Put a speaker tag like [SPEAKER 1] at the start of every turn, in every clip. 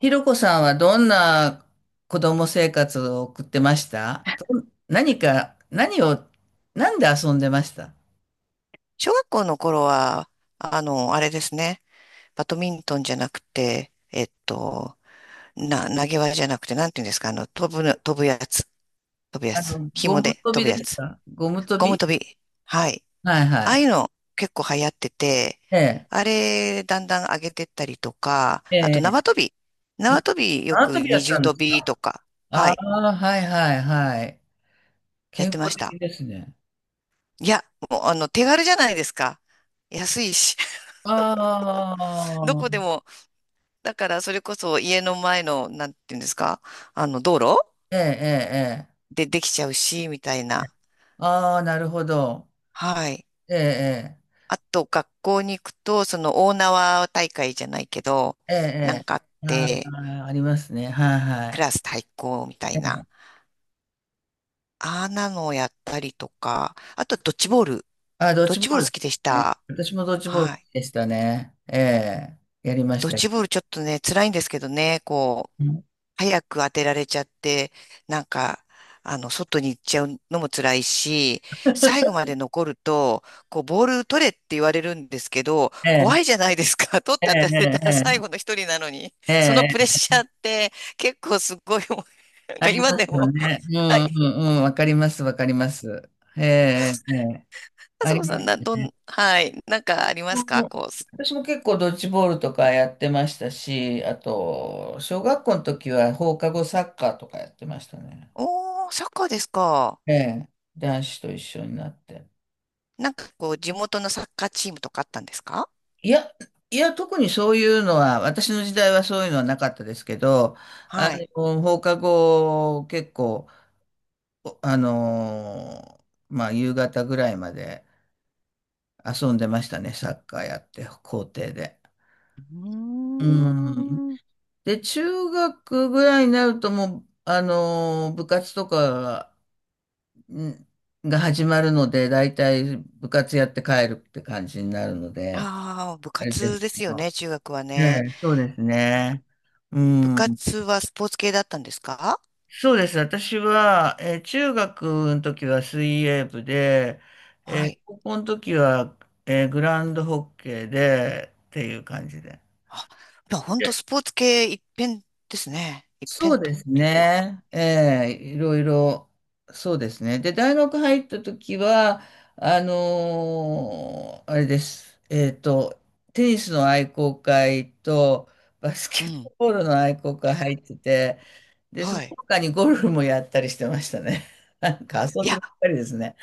[SPEAKER 1] ひろこさんはどんな子供生活を送ってました？どん何か、何を、なんで遊んでました？
[SPEAKER 2] 小学校の頃は、あれですね。バドミントンじゃなくて、投げ輪じゃなくて、なんていうんですか、あの、飛ぶの、飛ぶやつ、飛ぶや
[SPEAKER 1] あ
[SPEAKER 2] つ、
[SPEAKER 1] の、ゴ
[SPEAKER 2] 紐
[SPEAKER 1] ム
[SPEAKER 2] で
[SPEAKER 1] 跳
[SPEAKER 2] 飛
[SPEAKER 1] び
[SPEAKER 2] ぶ
[SPEAKER 1] で
[SPEAKER 2] や
[SPEAKER 1] す
[SPEAKER 2] つ、
[SPEAKER 1] か？ゴム跳
[SPEAKER 2] ゴム
[SPEAKER 1] び。
[SPEAKER 2] 飛び。はい。
[SPEAKER 1] はいは
[SPEAKER 2] ああい
[SPEAKER 1] い。
[SPEAKER 2] うの結構流行ってて、
[SPEAKER 1] ええ、
[SPEAKER 2] あれ、だんだん上げてったりとか、
[SPEAKER 1] え
[SPEAKER 2] あと
[SPEAKER 1] え。
[SPEAKER 2] 縄跳び。
[SPEAKER 1] な
[SPEAKER 2] 縄跳びよ
[SPEAKER 1] 縄
[SPEAKER 2] く
[SPEAKER 1] 跳びや
[SPEAKER 2] 二
[SPEAKER 1] っ
[SPEAKER 2] 重
[SPEAKER 1] たん
[SPEAKER 2] 跳
[SPEAKER 1] です
[SPEAKER 2] びと
[SPEAKER 1] か？
[SPEAKER 2] か、は
[SPEAKER 1] あ
[SPEAKER 2] い、
[SPEAKER 1] あー、はいはいはい。
[SPEAKER 2] やっ
[SPEAKER 1] 健
[SPEAKER 2] てま
[SPEAKER 1] 康
[SPEAKER 2] した。
[SPEAKER 1] 的ですね。
[SPEAKER 2] いや、もう手軽じゃないですか。安いし、
[SPEAKER 1] あ
[SPEAKER 2] どこで
[SPEAKER 1] あ、
[SPEAKER 2] も。だからそれこそ家の前の、なんていうんですか、あの道路
[SPEAKER 1] ええ、ええ、ええ。
[SPEAKER 2] でできちゃうし、みたいな。
[SPEAKER 1] ああ、なるほど。
[SPEAKER 2] はい。
[SPEAKER 1] ええ、
[SPEAKER 2] あと学校に行くと、その大縄大会じゃないけど、
[SPEAKER 1] ええ、え
[SPEAKER 2] なん
[SPEAKER 1] え。
[SPEAKER 2] かあっ
[SPEAKER 1] ええ、あ
[SPEAKER 2] て、
[SPEAKER 1] あ、ありますね。はいは
[SPEAKER 2] ク
[SPEAKER 1] い。
[SPEAKER 2] ラス対抗みたいな。ああなのをやったりとか、あとドッジボール。
[SPEAKER 1] あ、ドッ
[SPEAKER 2] ドッ
[SPEAKER 1] ジボ
[SPEAKER 2] ジボー
[SPEAKER 1] ー
[SPEAKER 2] ル好
[SPEAKER 1] ル。
[SPEAKER 2] きでし
[SPEAKER 1] ね
[SPEAKER 2] た。
[SPEAKER 1] 私もドッジボー
[SPEAKER 2] は
[SPEAKER 1] ル
[SPEAKER 2] い。
[SPEAKER 1] でしたね。ええ、やりまし
[SPEAKER 2] ドッ
[SPEAKER 1] たよ。
[SPEAKER 2] ジボールちょっとね、辛いんですけどね、こう。
[SPEAKER 1] うん、
[SPEAKER 2] 早く当てられちゃって、なんか、外に行っちゃうのも辛いし、最後まで残ると、こう、ボール取れって言われるんですけど、
[SPEAKER 1] え
[SPEAKER 2] 怖
[SPEAKER 1] え、
[SPEAKER 2] いじゃないですか。取っ
[SPEAKER 1] え
[SPEAKER 2] て当てられたら
[SPEAKER 1] え、
[SPEAKER 2] 最後の一人なのに。
[SPEAKER 1] ええ、
[SPEAKER 2] その
[SPEAKER 1] ええ、え
[SPEAKER 2] プレッ
[SPEAKER 1] え、
[SPEAKER 2] シャーって、結構すごい、もうなん
[SPEAKER 1] あ
[SPEAKER 2] か
[SPEAKER 1] り
[SPEAKER 2] 今
[SPEAKER 1] ます
[SPEAKER 2] で
[SPEAKER 1] よ
[SPEAKER 2] も。
[SPEAKER 1] ね。う
[SPEAKER 2] は
[SPEAKER 1] ん
[SPEAKER 2] い。
[SPEAKER 1] うんうん、わかります、わかります。ええ、ええ、
[SPEAKER 2] あ
[SPEAKER 1] あ
[SPEAKER 2] そこ
[SPEAKER 1] り
[SPEAKER 2] さ
[SPEAKER 1] ま
[SPEAKER 2] ん、
[SPEAKER 1] す
[SPEAKER 2] な、ど
[SPEAKER 1] ね。
[SPEAKER 2] ん、はい。なんかあります
[SPEAKER 1] う
[SPEAKER 2] か、
[SPEAKER 1] ん、
[SPEAKER 2] こう。
[SPEAKER 1] 私も結構ドッジボールとかやってましたし、あと、小学校の時は放課後サッカーとかやってましたね。
[SPEAKER 2] おー、サッカーですか。
[SPEAKER 1] ええ、男子と一緒になって。
[SPEAKER 2] なんかこう、地元のサッカーチームとかあったんですか？
[SPEAKER 1] いや、いや、特にそういうのは、私の時代はそういうのはなかったですけど、あ
[SPEAKER 2] はい。
[SPEAKER 1] の、放課後、結構、あの、まあ、夕方ぐらいまで遊んでましたね、サッカーやって、校庭で。
[SPEAKER 2] うー
[SPEAKER 1] うん。
[SPEAKER 2] ん。
[SPEAKER 1] で、中学ぐらいになると、もう、あの、部活とかんが始まるので、大体部活やって帰るって感じになるので、
[SPEAKER 2] ああ、部
[SPEAKER 1] あれで
[SPEAKER 2] 活
[SPEAKER 1] す
[SPEAKER 2] で
[SPEAKER 1] け
[SPEAKER 2] すよ
[SPEAKER 1] ど、
[SPEAKER 2] ね、中学は
[SPEAKER 1] え
[SPEAKER 2] ね。
[SPEAKER 1] え、そうですね。う
[SPEAKER 2] 部
[SPEAKER 1] ん。
[SPEAKER 2] 活はスポーツ系だったんですか？
[SPEAKER 1] そうです。私は、中学の時は水泳部で、
[SPEAKER 2] はい。
[SPEAKER 1] 高校の時は、グランドホッケーでっていう感じで。
[SPEAKER 2] あ、まあ、本当スポーツ系一辺ですね。一
[SPEAKER 1] そ
[SPEAKER 2] 辺
[SPEAKER 1] うで
[SPEAKER 2] 倒っ
[SPEAKER 1] す
[SPEAKER 2] ていうか。
[SPEAKER 1] ね。ええ、いろいろ、そうですね。で、大学入った時は、あれです。テニスの愛好会と、バス
[SPEAKER 2] う
[SPEAKER 1] ケッ
[SPEAKER 2] ん。
[SPEAKER 1] トボールの愛好会入ってて、で、その
[SPEAKER 2] はい。
[SPEAKER 1] 他にゴルフもやったりしてましたね。なんか遊
[SPEAKER 2] い
[SPEAKER 1] んでば
[SPEAKER 2] や、
[SPEAKER 1] っかりですね。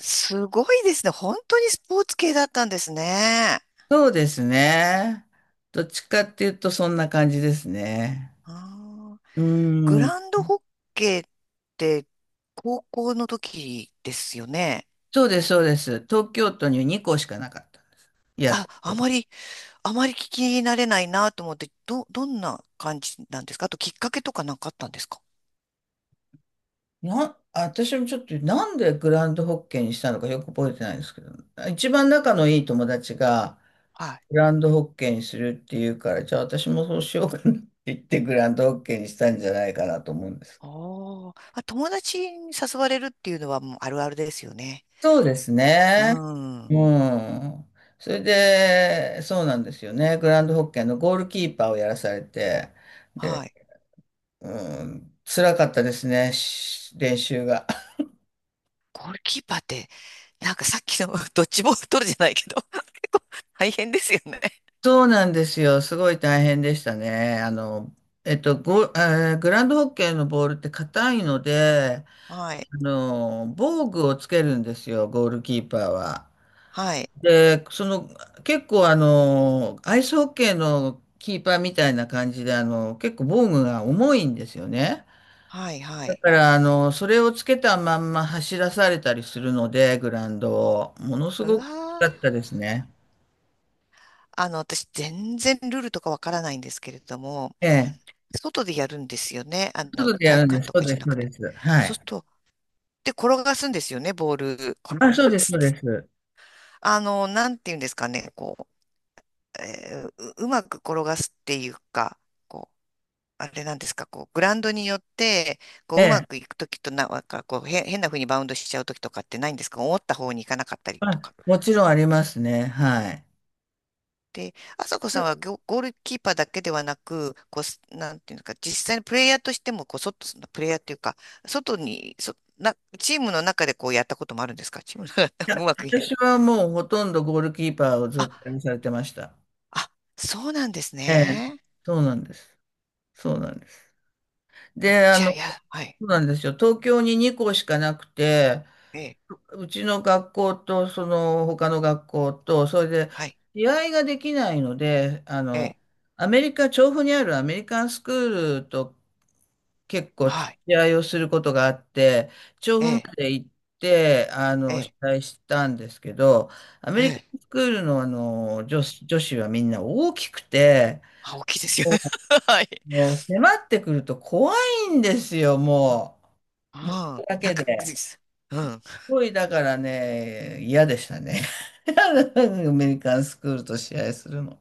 [SPEAKER 2] すごいですね。本当にスポーツ系だったんですね。
[SPEAKER 1] そうですね。どっちかっていうと、そんな感じですね。
[SPEAKER 2] あー、
[SPEAKER 1] う
[SPEAKER 2] グ
[SPEAKER 1] ん。
[SPEAKER 2] ランドホッケーって高校の時ですよね。
[SPEAKER 1] そうです、そうです。東京都に2校しかなかった。やっ
[SPEAKER 2] あ、あまり、あまり聞き慣れないなと思って、どんな感じなんですか？あときっかけとかなんかあったんですか？
[SPEAKER 1] な、私もちょっとなんでグランドホッケーにしたのかよく覚えてないんですけど、一番仲のいい友達がグランドホッケーにするって言うから、じゃあ私もそうしようかなって言ってグランドホッケーにしたんじゃないかなと思うんです。
[SPEAKER 2] おー、あ、友達に誘われるっていうのはもうあるあるですよね。
[SPEAKER 1] そうです
[SPEAKER 2] う
[SPEAKER 1] ね。
[SPEAKER 2] ん。
[SPEAKER 1] うん。それで、そうなんですよね。グランドホッケーのゴールキーパーをやらされて、
[SPEAKER 2] は
[SPEAKER 1] で、
[SPEAKER 2] い。
[SPEAKER 1] うん、辛かったですね、練習が。
[SPEAKER 2] ゴールキーパーって、なんかさっきの ドッジボール取るじゃないけど、 結構大変ですよね。
[SPEAKER 1] そうなんですよ。すごい大変でしたね。あの、えっと、ゴ、えーグランドホッケーのボールって硬いので、
[SPEAKER 2] はい。
[SPEAKER 1] あの、防具をつけるんですよ、ゴールキーパーは。
[SPEAKER 2] はい。
[SPEAKER 1] で、その、結構あの、アイスホッケーのキーパーみたいな感じで、あの、結構防具が重いんですよね。
[SPEAKER 2] はい。は
[SPEAKER 1] だ
[SPEAKER 2] い。
[SPEAKER 1] から、あの、それをつけたまんま走らされたりするので、グラウンドを。ものす
[SPEAKER 2] う
[SPEAKER 1] ごく大きか
[SPEAKER 2] わ
[SPEAKER 1] ったで
[SPEAKER 2] ー。
[SPEAKER 1] すね。
[SPEAKER 2] あの、私、全然ルールとかわからないんですけれども、
[SPEAKER 1] ええ。
[SPEAKER 2] 外でやるんですよね。あの、
[SPEAKER 1] 外で
[SPEAKER 2] 体
[SPEAKER 1] や
[SPEAKER 2] 育
[SPEAKER 1] るんで
[SPEAKER 2] 館
[SPEAKER 1] す。
[SPEAKER 2] と
[SPEAKER 1] そ
[SPEAKER 2] か
[SPEAKER 1] う
[SPEAKER 2] じ
[SPEAKER 1] で
[SPEAKER 2] ゃ
[SPEAKER 1] す、
[SPEAKER 2] な
[SPEAKER 1] そう
[SPEAKER 2] くて。
[SPEAKER 1] です。は
[SPEAKER 2] そうする
[SPEAKER 1] い。
[SPEAKER 2] と、で、転がすんですよね、ボール。転
[SPEAKER 1] あ、
[SPEAKER 2] が
[SPEAKER 1] そうです、
[SPEAKER 2] す。
[SPEAKER 1] そうです。
[SPEAKER 2] あの、なんていうんですかね、こう。うまく転がすっていうか、こう、あれなんですか、こう、グラウンドによって、こ
[SPEAKER 1] え
[SPEAKER 2] う、うま
[SPEAKER 1] え。
[SPEAKER 2] くいくときと、なんかこう、変な風にバウンドしちゃうときとかってないんですか？思った方に行かなかったりと
[SPEAKER 1] あ、
[SPEAKER 2] か。
[SPEAKER 1] もちろんありますね。はい。
[SPEAKER 2] で、あさこさんは
[SPEAKER 1] い
[SPEAKER 2] ゴールキーパーだけではなく、こう、なんていうのか、実際のプレイヤーとしても、こう、プレイヤーっていうか、外に、チームの中でこうやったこともあるんですか？チームの中、う
[SPEAKER 1] や、
[SPEAKER 2] まく言えな
[SPEAKER 1] 私
[SPEAKER 2] い。
[SPEAKER 1] はもうほとんどゴールキーパーをずっ
[SPEAKER 2] あ、
[SPEAKER 1] とやらされてました。
[SPEAKER 2] あ、そうなんです
[SPEAKER 1] ええ。
[SPEAKER 2] ね。
[SPEAKER 1] そうなんです。そうなんです。で、あ
[SPEAKER 2] じゃあ、
[SPEAKER 1] の、
[SPEAKER 2] い
[SPEAKER 1] そ
[SPEAKER 2] や、はい、
[SPEAKER 1] うなんですよ。東京に2校しかなくて、
[SPEAKER 2] ええ、
[SPEAKER 1] うちの学校と、その他の学校と、それで、
[SPEAKER 2] はい、
[SPEAKER 1] 試合ができないので、あ
[SPEAKER 2] え
[SPEAKER 1] の、
[SPEAKER 2] え、
[SPEAKER 1] アメリカ、調布にあるアメリカンスクールと結構
[SPEAKER 2] はい、
[SPEAKER 1] 試合をすることがあって、調
[SPEAKER 2] え
[SPEAKER 1] 布ま
[SPEAKER 2] え。
[SPEAKER 1] で行って、あの、
[SPEAKER 2] え
[SPEAKER 1] 試
[SPEAKER 2] え、
[SPEAKER 1] 合したんですけど、アメ
[SPEAKER 2] え
[SPEAKER 1] リカ
[SPEAKER 2] え。
[SPEAKER 1] ンスクールの、あの、女子、女子はみんな大きくて、
[SPEAKER 2] あ、大きいですよ。
[SPEAKER 1] も
[SPEAKER 2] はい。
[SPEAKER 1] もう迫ってくると怖いんですよ、も
[SPEAKER 2] う
[SPEAKER 1] う。もう、
[SPEAKER 2] ん。
[SPEAKER 1] だけ
[SPEAKER 2] 高くで
[SPEAKER 1] で。
[SPEAKER 2] す。うん。
[SPEAKER 1] ごい、だからね、嫌でしたね。アメリカンスクールと試合するの。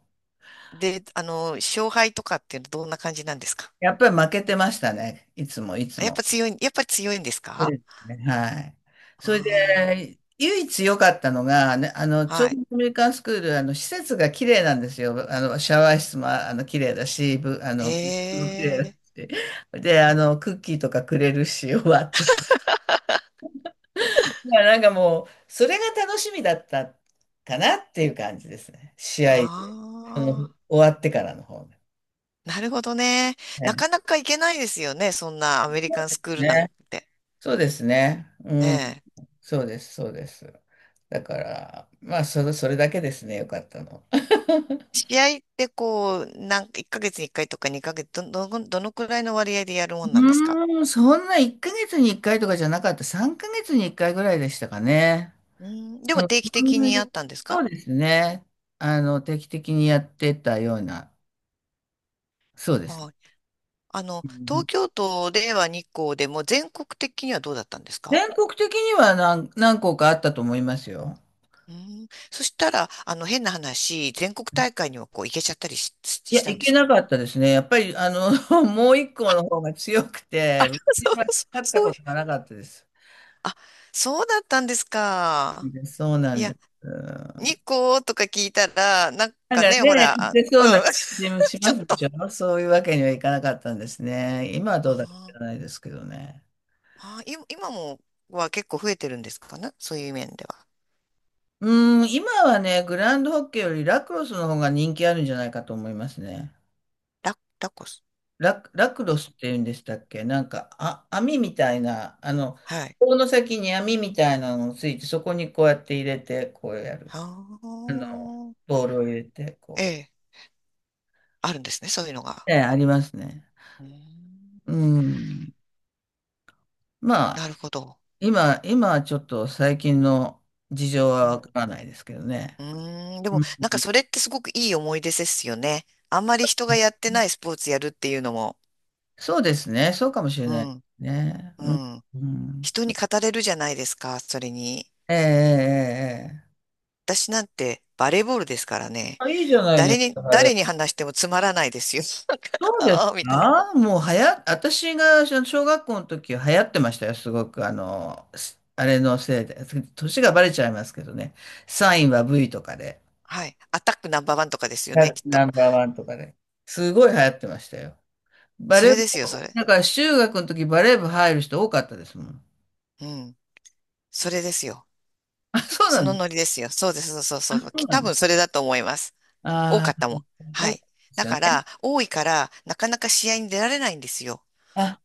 [SPEAKER 2] で、あの、勝敗とかってどんな感じなんですか？
[SPEAKER 1] やっぱり負けてましたね。いつもいつも。
[SPEAKER 2] やっぱり強いんですか？
[SPEAKER 1] ですね、はい。それ
[SPEAKER 2] あ
[SPEAKER 1] で、唯一良かったのが、ね、あの、
[SPEAKER 2] あ、
[SPEAKER 1] ちょう
[SPEAKER 2] は
[SPEAKER 1] ど
[SPEAKER 2] い。
[SPEAKER 1] アメリカンスクール、あの、施設が綺麗なんですよ。あの、シャワー室も、あの、綺麗だし、あの、ブック
[SPEAKER 2] え
[SPEAKER 1] も綺麗だ
[SPEAKER 2] え、
[SPEAKER 1] し。で、あの、クッキーとかくれるし、終わって。まあ、なんかもう、それが楽しみだったかなっていう感じですね。試合。あの、
[SPEAKER 2] ああ、
[SPEAKER 1] 終わってからの方が。
[SPEAKER 2] なるほどね。な
[SPEAKER 1] ね。
[SPEAKER 2] かなか行けないですよね。そんなア
[SPEAKER 1] そ
[SPEAKER 2] メリ
[SPEAKER 1] う
[SPEAKER 2] カン
[SPEAKER 1] で
[SPEAKER 2] スクー
[SPEAKER 1] す
[SPEAKER 2] ルなん
[SPEAKER 1] ね。
[SPEAKER 2] て。
[SPEAKER 1] そうですね。
[SPEAKER 2] ね
[SPEAKER 1] うん。
[SPEAKER 2] え。
[SPEAKER 1] そうです、そうです。だから、まあ、それ、それだけですね、よかったの。
[SPEAKER 2] 試合ってこう、1ヶ月に1回とか2ヶ月、どのくらいの割合でやるもんなんですか？
[SPEAKER 1] うーん、そんな1ヶ月に1回とかじゃなかった、3ヶ月に1回ぐらいでしたかね。
[SPEAKER 2] うん、で
[SPEAKER 1] う
[SPEAKER 2] も
[SPEAKER 1] ん、
[SPEAKER 2] 定期
[SPEAKER 1] そん
[SPEAKER 2] 的
[SPEAKER 1] な
[SPEAKER 2] にやっ
[SPEAKER 1] に、
[SPEAKER 2] たんです
[SPEAKER 1] そ
[SPEAKER 2] か？
[SPEAKER 1] うですね。あの、定期的にやってたような、そうです。
[SPEAKER 2] はい。あの、
[SPEAKER 1] う
[SPEAKER 2] 東
[SPEAKER 1] ん、
[SPEAKER 2] 京都、令和日校でも全国的にはどうだったんですか？
[SPEAKER 1] 全国的には何校かあったと思いますよ。
[SPEAKER 2] うん。そしたら、あの、変な話、全国大会にもこう行けちゃったり
[SPEAKER 1] い
[SPEAKER 2] し
[SPEAKER 1] や、
[SPEAKER 2] た
[SPEAKER 1] い
[SPEAKER 2] んで
[SPEAKER 1] け
[SPEAKER 2] すか？
[SPEAKER 1] なかったですね。やっぱり、あの、もう一個の方が強くて、う ち
[SPEAKER 2] そう、
[SPEAKER 1] は
[SPEAKER 2] そう、
[SPEAKER 1] 勝った
[SPEAKER 2] そう
[SPEAKER 1] こ
[SPEAKER 2] いう。
[SPEAKER 1] とがなかったです。
[SPEAKER 2] あ、そうだったんですか。
[SPEAKER 1] でそうな
[SPEAKER 2] い
[SPEAKER 1] んで
[SPEAKER 2] や、
[SPEAKER 1] す。う
[SPEAKER 2] 日
[SPEAKER 1] ん、
[SPEAKER 2] 光とか聞いたら、なん
[SPEAKER 1] なん
[SPEAKER 2] か
[SPEAKER 1] か
[SPEAKER 2] ね、ほ
[SPEAKER 1] ね、
[SPEAKER 2] ら、
[SPEAKER 1] 勝
[SPEAKER 2] あうん、
[SPEAKER 1] てそうな感じもし
[SPEAKER 2] ち
[SPEAKER 1] ま
[SPEAKER 2] ょっ
[SPEAKER 1] すで
[SPEAKER 2] と。
[SPEAKER 1] しょ。そういうわけにはいかなかったんですね。今は
[SPEAKER 2] あ
[SPEAKER 1] どうだか知ら
[SPEAKER 2] ー。
[SPEAKER 1] ないですけどね。
[SPEAKER 2] あー、今もは結構増えてるんですかね、そういう面では。
[SPEAKER 1] うん、今はね、グランドホッケーよりラクロスの方が人気あるんじゃないかと思いますね。
[SPEAKER 2] ラコス。
[SPEAKER 1] ラク
[SPEAKER 2] ん、
[SPEAKER 1] ロスって言うんでしたっけ？なんか、あ、網みたいな、あの、
[SPEAKER 2] はい。
[SPEAKER 1] 棒の先に網みたいなのをついて、そこにこうやって入れて、こうやる。
[SPEAKER 2] あ
[SPEAKER 1] あの、
[SPEAKER 2] あ、
[SPEAKER 1] ボールを入れて、
[SPEAKER 2] え
[SPEAKER 1] こ
[SPEAKER 2] え、
[SPEAKER 1] う。
[SPEAKER 2] あるんですね、そういうのが。
[SPEAKER 1] ええ、ありますね。
[SPEAKER 2] うーん、
[SPEAKER 1] うん。ま
[SPEAKER 2] な
[SPEAKER 1] あ、
[SPEAKER 2] るほど。
[SPEAKER 1] 今はちょっと最近の事情は
[SPEAKER 2] う
[SPEAKER 1] わ
[SPEAKER 2] ん。
[SPEAKER 1] からないですけどね。
[SPEAKER 2] うーん。で
[SPEAKER 1] う
[SPEAKER 2] も、
[SPEAKER 1] ん、
[SPEAKER 2] なんかそれってすごくいい思い出ですよね。あんまり人がやってないスポーツやるっていうのも。
[SPEAKER 1] そうですね。そうかもしれ
[SPEAKER 2] う
[SPEAKER 1] ないで
[SPEAKER 2] ん。
[SPEAKER 1] すね。
[SPEAKER 2] う
[SPEAKER 1] うん。
[SPEAKER 2] ん。
[SPEAKER 1] うん、
[SPEAKER 2] 人に語れるじゃないですか、それに。
[SPEAKER 1] ええ、ええ、ええ。
[SPEAKER 2] 私なんてバレーボールですからね。
[SPEAKER 1] あ、いいじゃないですか、あれ。
[SPEAKER 2] 誰に話してもつまらないですよ。なんか、
[SPEAKER 1] そうです
[SPEAKER 2] あーみたいな。
[SPEAKER 1] か？もうはや、私が小学校の時流行ってましたよ、すごく。あの、あれのせいで。年がバレちゃいますけどね。サインは V とかで。
[SPEAKER 2] はい。アタックナンバーワンとかですよね、きっと。
[SPEAKER 1] ナンバーワンとかで。すごい流行ってましたよ。バ
[SPEAKER 2] そ
[SPEAKER 1] レ
[SPEAKER 2] れ
[SPEAKER 1] ー部、
[SPEAKER 2] ですよ、それ。
[SPEAKER 1] だから中学の時バレー部入る人多かったですもん。
[SPEAKER 2] うん。それですよ。
[SPEAKER 1] あ、そうな
[SPEAKER 2] そ
[SPEAKER 1] ん
[SPEAKER 2] の
[SPEAKER 1] で
[SPEAKER 2] ノリ
[SPEAKER 1] す。
[SPEAKER 2] ですよ。そうです、そうそ
[SPEAKER 1] あ、
[SPEAKER 2] うそう。
[SPEAKER 1] そうな
[SPEAKER 2] 多
[SPEAKER 1] んです。
[SPEAKER 2] 分それだと思います。多
[SPEAKER 1] ああ、
[SPEAKER 2] かったもん。は
[SPEAKER 1] 多かったで
[SPEAKER 2] い。だ
[SPEAKER 1] すよ
[SPEAKER 2] か
[SPEAKER 1] ね。
[SPEAKER 2] ら、多いから、なかなか試合に出られないんですよ。
[SPEAKER 1] あ、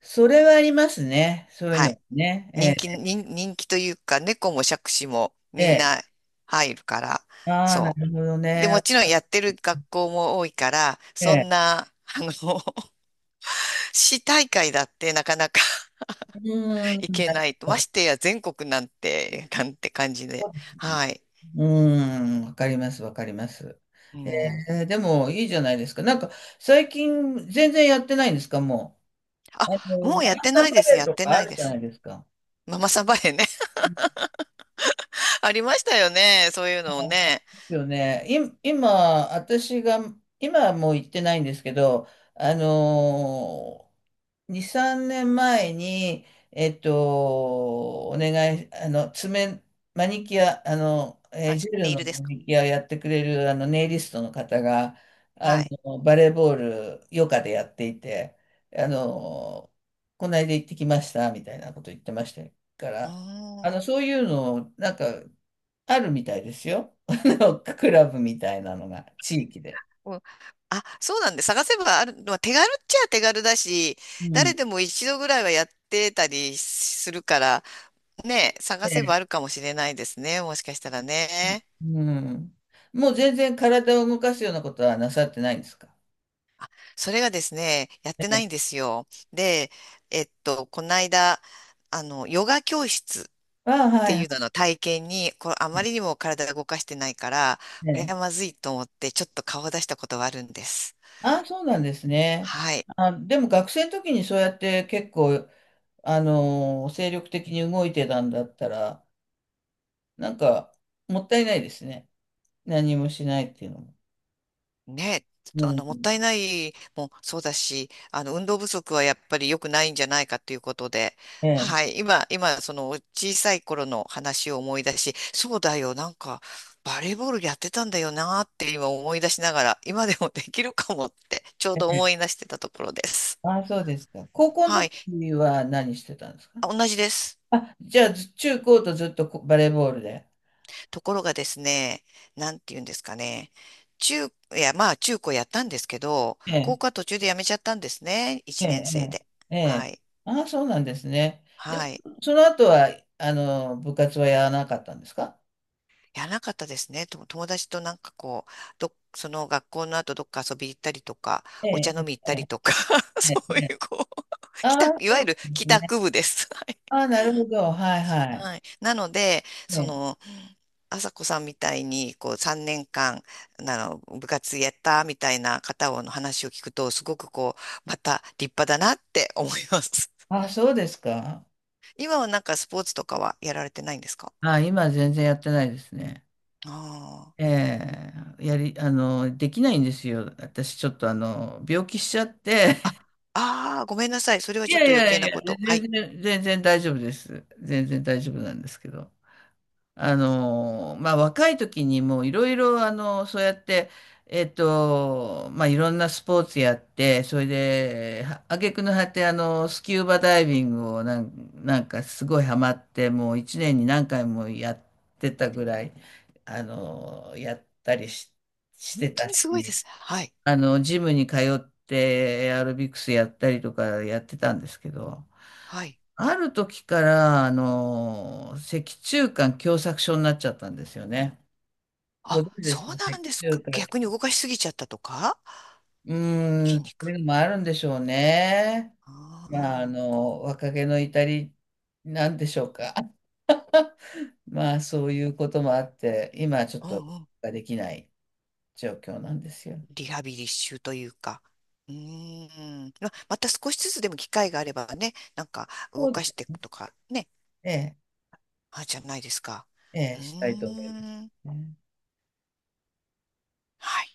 [SPEAKER 1] それはありますね。そういう
[SPEAKER 2] はい。
[SPEAKER 1] のね。え
[SPEAKER 2] 人気というか、猫も杓子も
[SPEAKER 1] え、
[SPEAKER 2] みん
[SPEAKER 1] え
[SPEAKER 2] な入るから、
[SPEAKER 1] え。ああ、な
[SPEAKER 2] そ
[SPEAKER 1] るほど
[SPEAKER 2] う。で、
[SPEAKER 1] ね。
[SPEAKER 2] もちろんやってる学校も多いから、
[SPEAKER 1] え
[SPEAKER 2] そ
[SPEAKER 1] え。
[SPEAKER 2] んな、あの、市大会だってなかなか
[SPEAKER 1] うー
[SPEAKER 2] 行
[SPEAKER 1] ん、
[SPEAKER 2] け
[SPEAKER 1] なる
[SPEAKER 2] ないと。
[SPEAKER 1] ほ
[SPEAKER 2] ま
[SPEAKER 1] ど。
[SPEAKER 2] してや全国なんて、なんて感じで。はい。
[SPEAKER 1] うーん、わかります、わかります。
[SPEAKER 2] うん。
[SPEAKER 1] えー、でもいいじゃないですか。なんか最近全然やってないんですか、も
[SPEAKER 2] あ、
[SPEAKER 1] う。あの、
[SPEAKER 2] も
[SPEAKER 1] マ
[SPEAKER 2] う
[SPEAKER 1] ラ
[SPEAKER 2] やって
[SPEAKER 1] ソ
[SPEAKER 2] な
[SPEAKER 1] ン
[SPEAKER 2] い
[SPEAKER 1] バ
[SPEAKER 2] です。
[SPEAKER 1] レー
[SPEAKER 2] やっ
[SPEAKER 1] と
[SPEAKER 2] て
[SPEAKER 1] か
[SPEAKER 2] な
[SPEAKER 1] あ
[SPEAKER 2] い
[SPEAKER 1] る
[SPEAKER 2] で
[SPEAKER 1] じゃな
[SPEAKER 2] す。
[SPEAKER 1] いですか。
[SPEAKER 2] ママさんバレーね。ありましたよね。そういうのをね。
[SPEAKER 1] よね。い、今、私が、今はもう行ってないんですけど、あのー、2、3年前に、えっと、お願い、あの、爪、マニキュア、あの、
[SPEAKER 2] はい。
[SPEAKER 1] ジェル
[SPEAKER 2] ネイ
[SPEAKER 1] の
[SPEAKER 2] ルで
[SPEAKER 1] マ
[SPEAKER 2] すか？
[SPEAKER 1] ニキュアをやってくれる、あの、ネイリストの方が、あ
[SPEAKER 2] はい。
[SPEAKER 1] の、バレーボール、余暇でやっていて、あのー、この間行ってきました、みたいなこと言ってましたから、あ
[SPEAKER 2] あ
[SPEAKER 1] の、そういうの、なんか、あるみたいですよ。のクラブみたいなのが地域で。
[SPEAKER 2] ー、うん。あ、そうなんで、探せばある、まあ、手軽っちゃ手軽だし、
[SPEAKER 1] う
[SPEAKER 2] 誰
[SPEAKER 1] ん。
[SPEAKER 2] でも一度ぐらいはやってたりするから、ね、探せば
[SPEAKER 1] で
[SPEAKER 2] あるかもしれないですね。もしかしたらね。
[SPEAKER 1] うん。もう全然体を動かすようなことはなさってないんですか？
[SPEAKER 2] それがですね、やってな
[SPEAKER 1] ええ、
[SPEAKER 2] いんですよ。で、この間、あの、ヨガ教室っ
[SPEAKER 1] ああ、は
[SPEAKER 2] て
[SPEAKER 1] いは
[SPEAKER 2] いうの
[SPEAKER 1] い。
[SPEAKER 2] の体験に、これあまりにも体が動かしてないから、
[SPEAKER 1] え
[SPEAKER 2] これは
[SPEAKER 1] え、
[SPEAKER 2] まずいと思って、ちょっと顔を出したことがあるんです。
[SPEAKER 1] あ、そうなんですね。
[SPEAKER 2] はい。
[SPEAKER 1] あ、でも学生の時にそうやって結構、あの精力的に動いてたんだったら、なんか、もったいないですね。何もしないっていうのも。
[SPEAKER 2] ね、
[SPEAKER 1] う
[SPEAKER 2] あ
[SPEAKER 1] ん。
[SPEAKER 2] の、もったいないもそうだし、あの、運動不足はやっぱり良くないんじゃないかということで、
[SPEAKER 1] ええ。
[SPEAKER 2] はい、今、その小さい頃の話を思い出し、そうだよ、なんか、バレーボールやってたんだよなって今思い出しながら、今でもできるかもって、ちょう
[SPEAKER 1] え
[SPEAKER 2] ど
[SPEAKER 1] え。
[SPEAKER 2] 思い出してたところです。
[SPEAKER 1] ああ、そうですか。高校
[SPEAKER 2] は
[SPEAKER 1] の
[SPEAKER 2] い、
[SPEAKER 1] 時は何してたんですか？
[SPEAKER 2] あ、同じです。
[SPEAKER 1] あ、じゃあ、ず中高とずっとバレーボールで。
[SPEAKER 2] ところがですね、なんて言うんですかね、中、いや、まあ、中高やったんですけど、
[SPEAKER 1] え
[SPEAKER 2] 高
[SPEAKER 1] え、
[SPEAKER 2] 校は途中でやめちゃったんですね、
[SPEAKER 1] え
[SPEAKER 2] 1年
[SPEAKER 1] え、
[SPEAKER 2] 生で。
[SPEAKER 1] ええ。ええ、
[SPEAKER 2] はい。
[SPEAKER 1] ああ、そうなんですね。
[SPEAKER 2] は
[SPEAKER 1] で、
[SPEAKER 2] い。
[SPEAKER 1] その後は、あの、部活はやらなかったんですか？
[SPEAKER 2] やらなかったですね。と友達となんかこう、その学校の後どっか遊び行ったりとか、
[SPEAKER 1] え
[SPEAKER 2] お茶
[SPEAKER 1] え、
[SPEAKER 2] 飲み行っ
[SPEAKER 1] え
[SPEAKER 2] たり
[SPEAKER 1] え、
[SPEAKER 2] とか、
[SPEAKER 1] ええ。
[SPEAKER 2] そうい
[SPEAKER 1] ええ、
[SPEAKER 2] うこう、
[SPEAKER 1] ああ、
[SPEAKER 2] い
[SPEAKER 1] そう
[SPEAKER 2] わ
[SPEAKER 1] な
[SPEAKER 2] ゆる
[SPEAKER 1] んです
[SPEAKER 2] 帰
[SPEAKER 1] ね。
[SPEAKER 2] 宅部です。はい。
[SPEAKER 1] ああ、なるほど。はい、は
[SPEAKER 2] はい。なので、
[SPEAKER 1] い。え
[SPEAKER 2] そ
[SPEAKER 1] え。
[SPEAKER 2] の、朝子さんみたいにこう3年間あの部活やったみたいな方の話を聞くとすごくこうまた立派だなって思います。
[SPEAKER 1] ああ、そうですか。
[SPEAKER 2] 今はなんかスポーツとかはやられてないんですか？
[SPEAKER 1] ああ、今全然やってないですね。
[SPEAKER 2] ああー。
[SPEAKER 1] ええ、やり、あの、できないんですよ。私、ちょっと、あの、病気しちゃって。
[SPEAKER 2] あ、ああ、ごめんなさい。それは
[SPEAKER 1] い
[SPEAKER 2] ちょっ
[SPEAKER 1] やい
[SPEAKER 2] と余
[SPEAKER 1] や
[SPEAKER 2] 計
[SPEAKER 1] い
[SPEAKER 2] な
[SPEAKER 1] や、
[SPEAKER 2] こと。はい。
[SPEAKER 1] 全然、全然大丈夫です。全然大丈夫なんですけど。あのー、まあ、若い時にもういろいろ、あの、そうやって、えっと、まあ、いろんなスポーツやって、それで、挙句の果て、あの、スキューバダイビングをなんかすごいハマって、もう一年に何回もやってたぐらい、あの、やったりし、し
[SPEAKER 2] 本
[SPEAKER 1] て
[SPEAKER 2] 当
[SPEAKER 1] た
[SPEAKER 2] にすごいで
[SPEAKER 1] し、
[SPEAKER 2] すね。はい。
[SPEAKER 1] あの、ジムに通ってエアロビクスやったりとかやってたんですけど、
[SPEAKER 2] はい。
[SPEAKER 1] ある時から、あの、脊柱管狭窄症になっちゃったんですよね。ご
[SPEAKER 2] あ、
[SPEAKER 1] 存知で
[SPEAKER 2] そ
[SPEAKER 1] すか？
[SPEAKER 2] うな
[SPEAKER 1] 脊
[SPEAKER 2] んです
[SPEAKER 1] 柱
[SPEAKER 2] か。
[SPEAKER 1] 管。
[SPEAKER 2] 逆に動かしすぎちゃったとか？
[SPEAKER 1] うー
[SPEAKER 2] 筋
[SPEAKER 1] ん、そう
[SPEAKER 2] 肉。
[SPEAKER 1] いうのもあるんでしょうね。まあ、あ
[SPEAKER 2] あ
[SPEAKER 1] の、若気の至りなんでしょうか。まあ、そういうこともあって、今はちょっ
[SPEAKER 2] あ、う
[SPEAKER 1] と
[SPEAKER 2] んうん。
[SPEAKER 1] できない状況なんですよ。
[SPEAKER 2] リハビリ中というか。うーん。ま、また少しずつでも機会があればね、なんか
[SPEAKER 1] そ
[SPEAKER 2] 動
[SPEAKER 1] うで
[SPEAKER 2] かしてい
[SPEAKER 1] す
[SPEAKER 2] くとかね。
[SPEAKER 1] ね。
[SPEAKER 2] あ、じゃないですか。
[SPEAKER 1] え
[SPEAKER 2] う
[SPEAKER 1] え、したい
[SPEAKER 2] ー
[SPEAKER 1] と思いま
[SPEAKER 2] ん。
[SPEAKER 1] すね。
[SPEAKER 2] はい。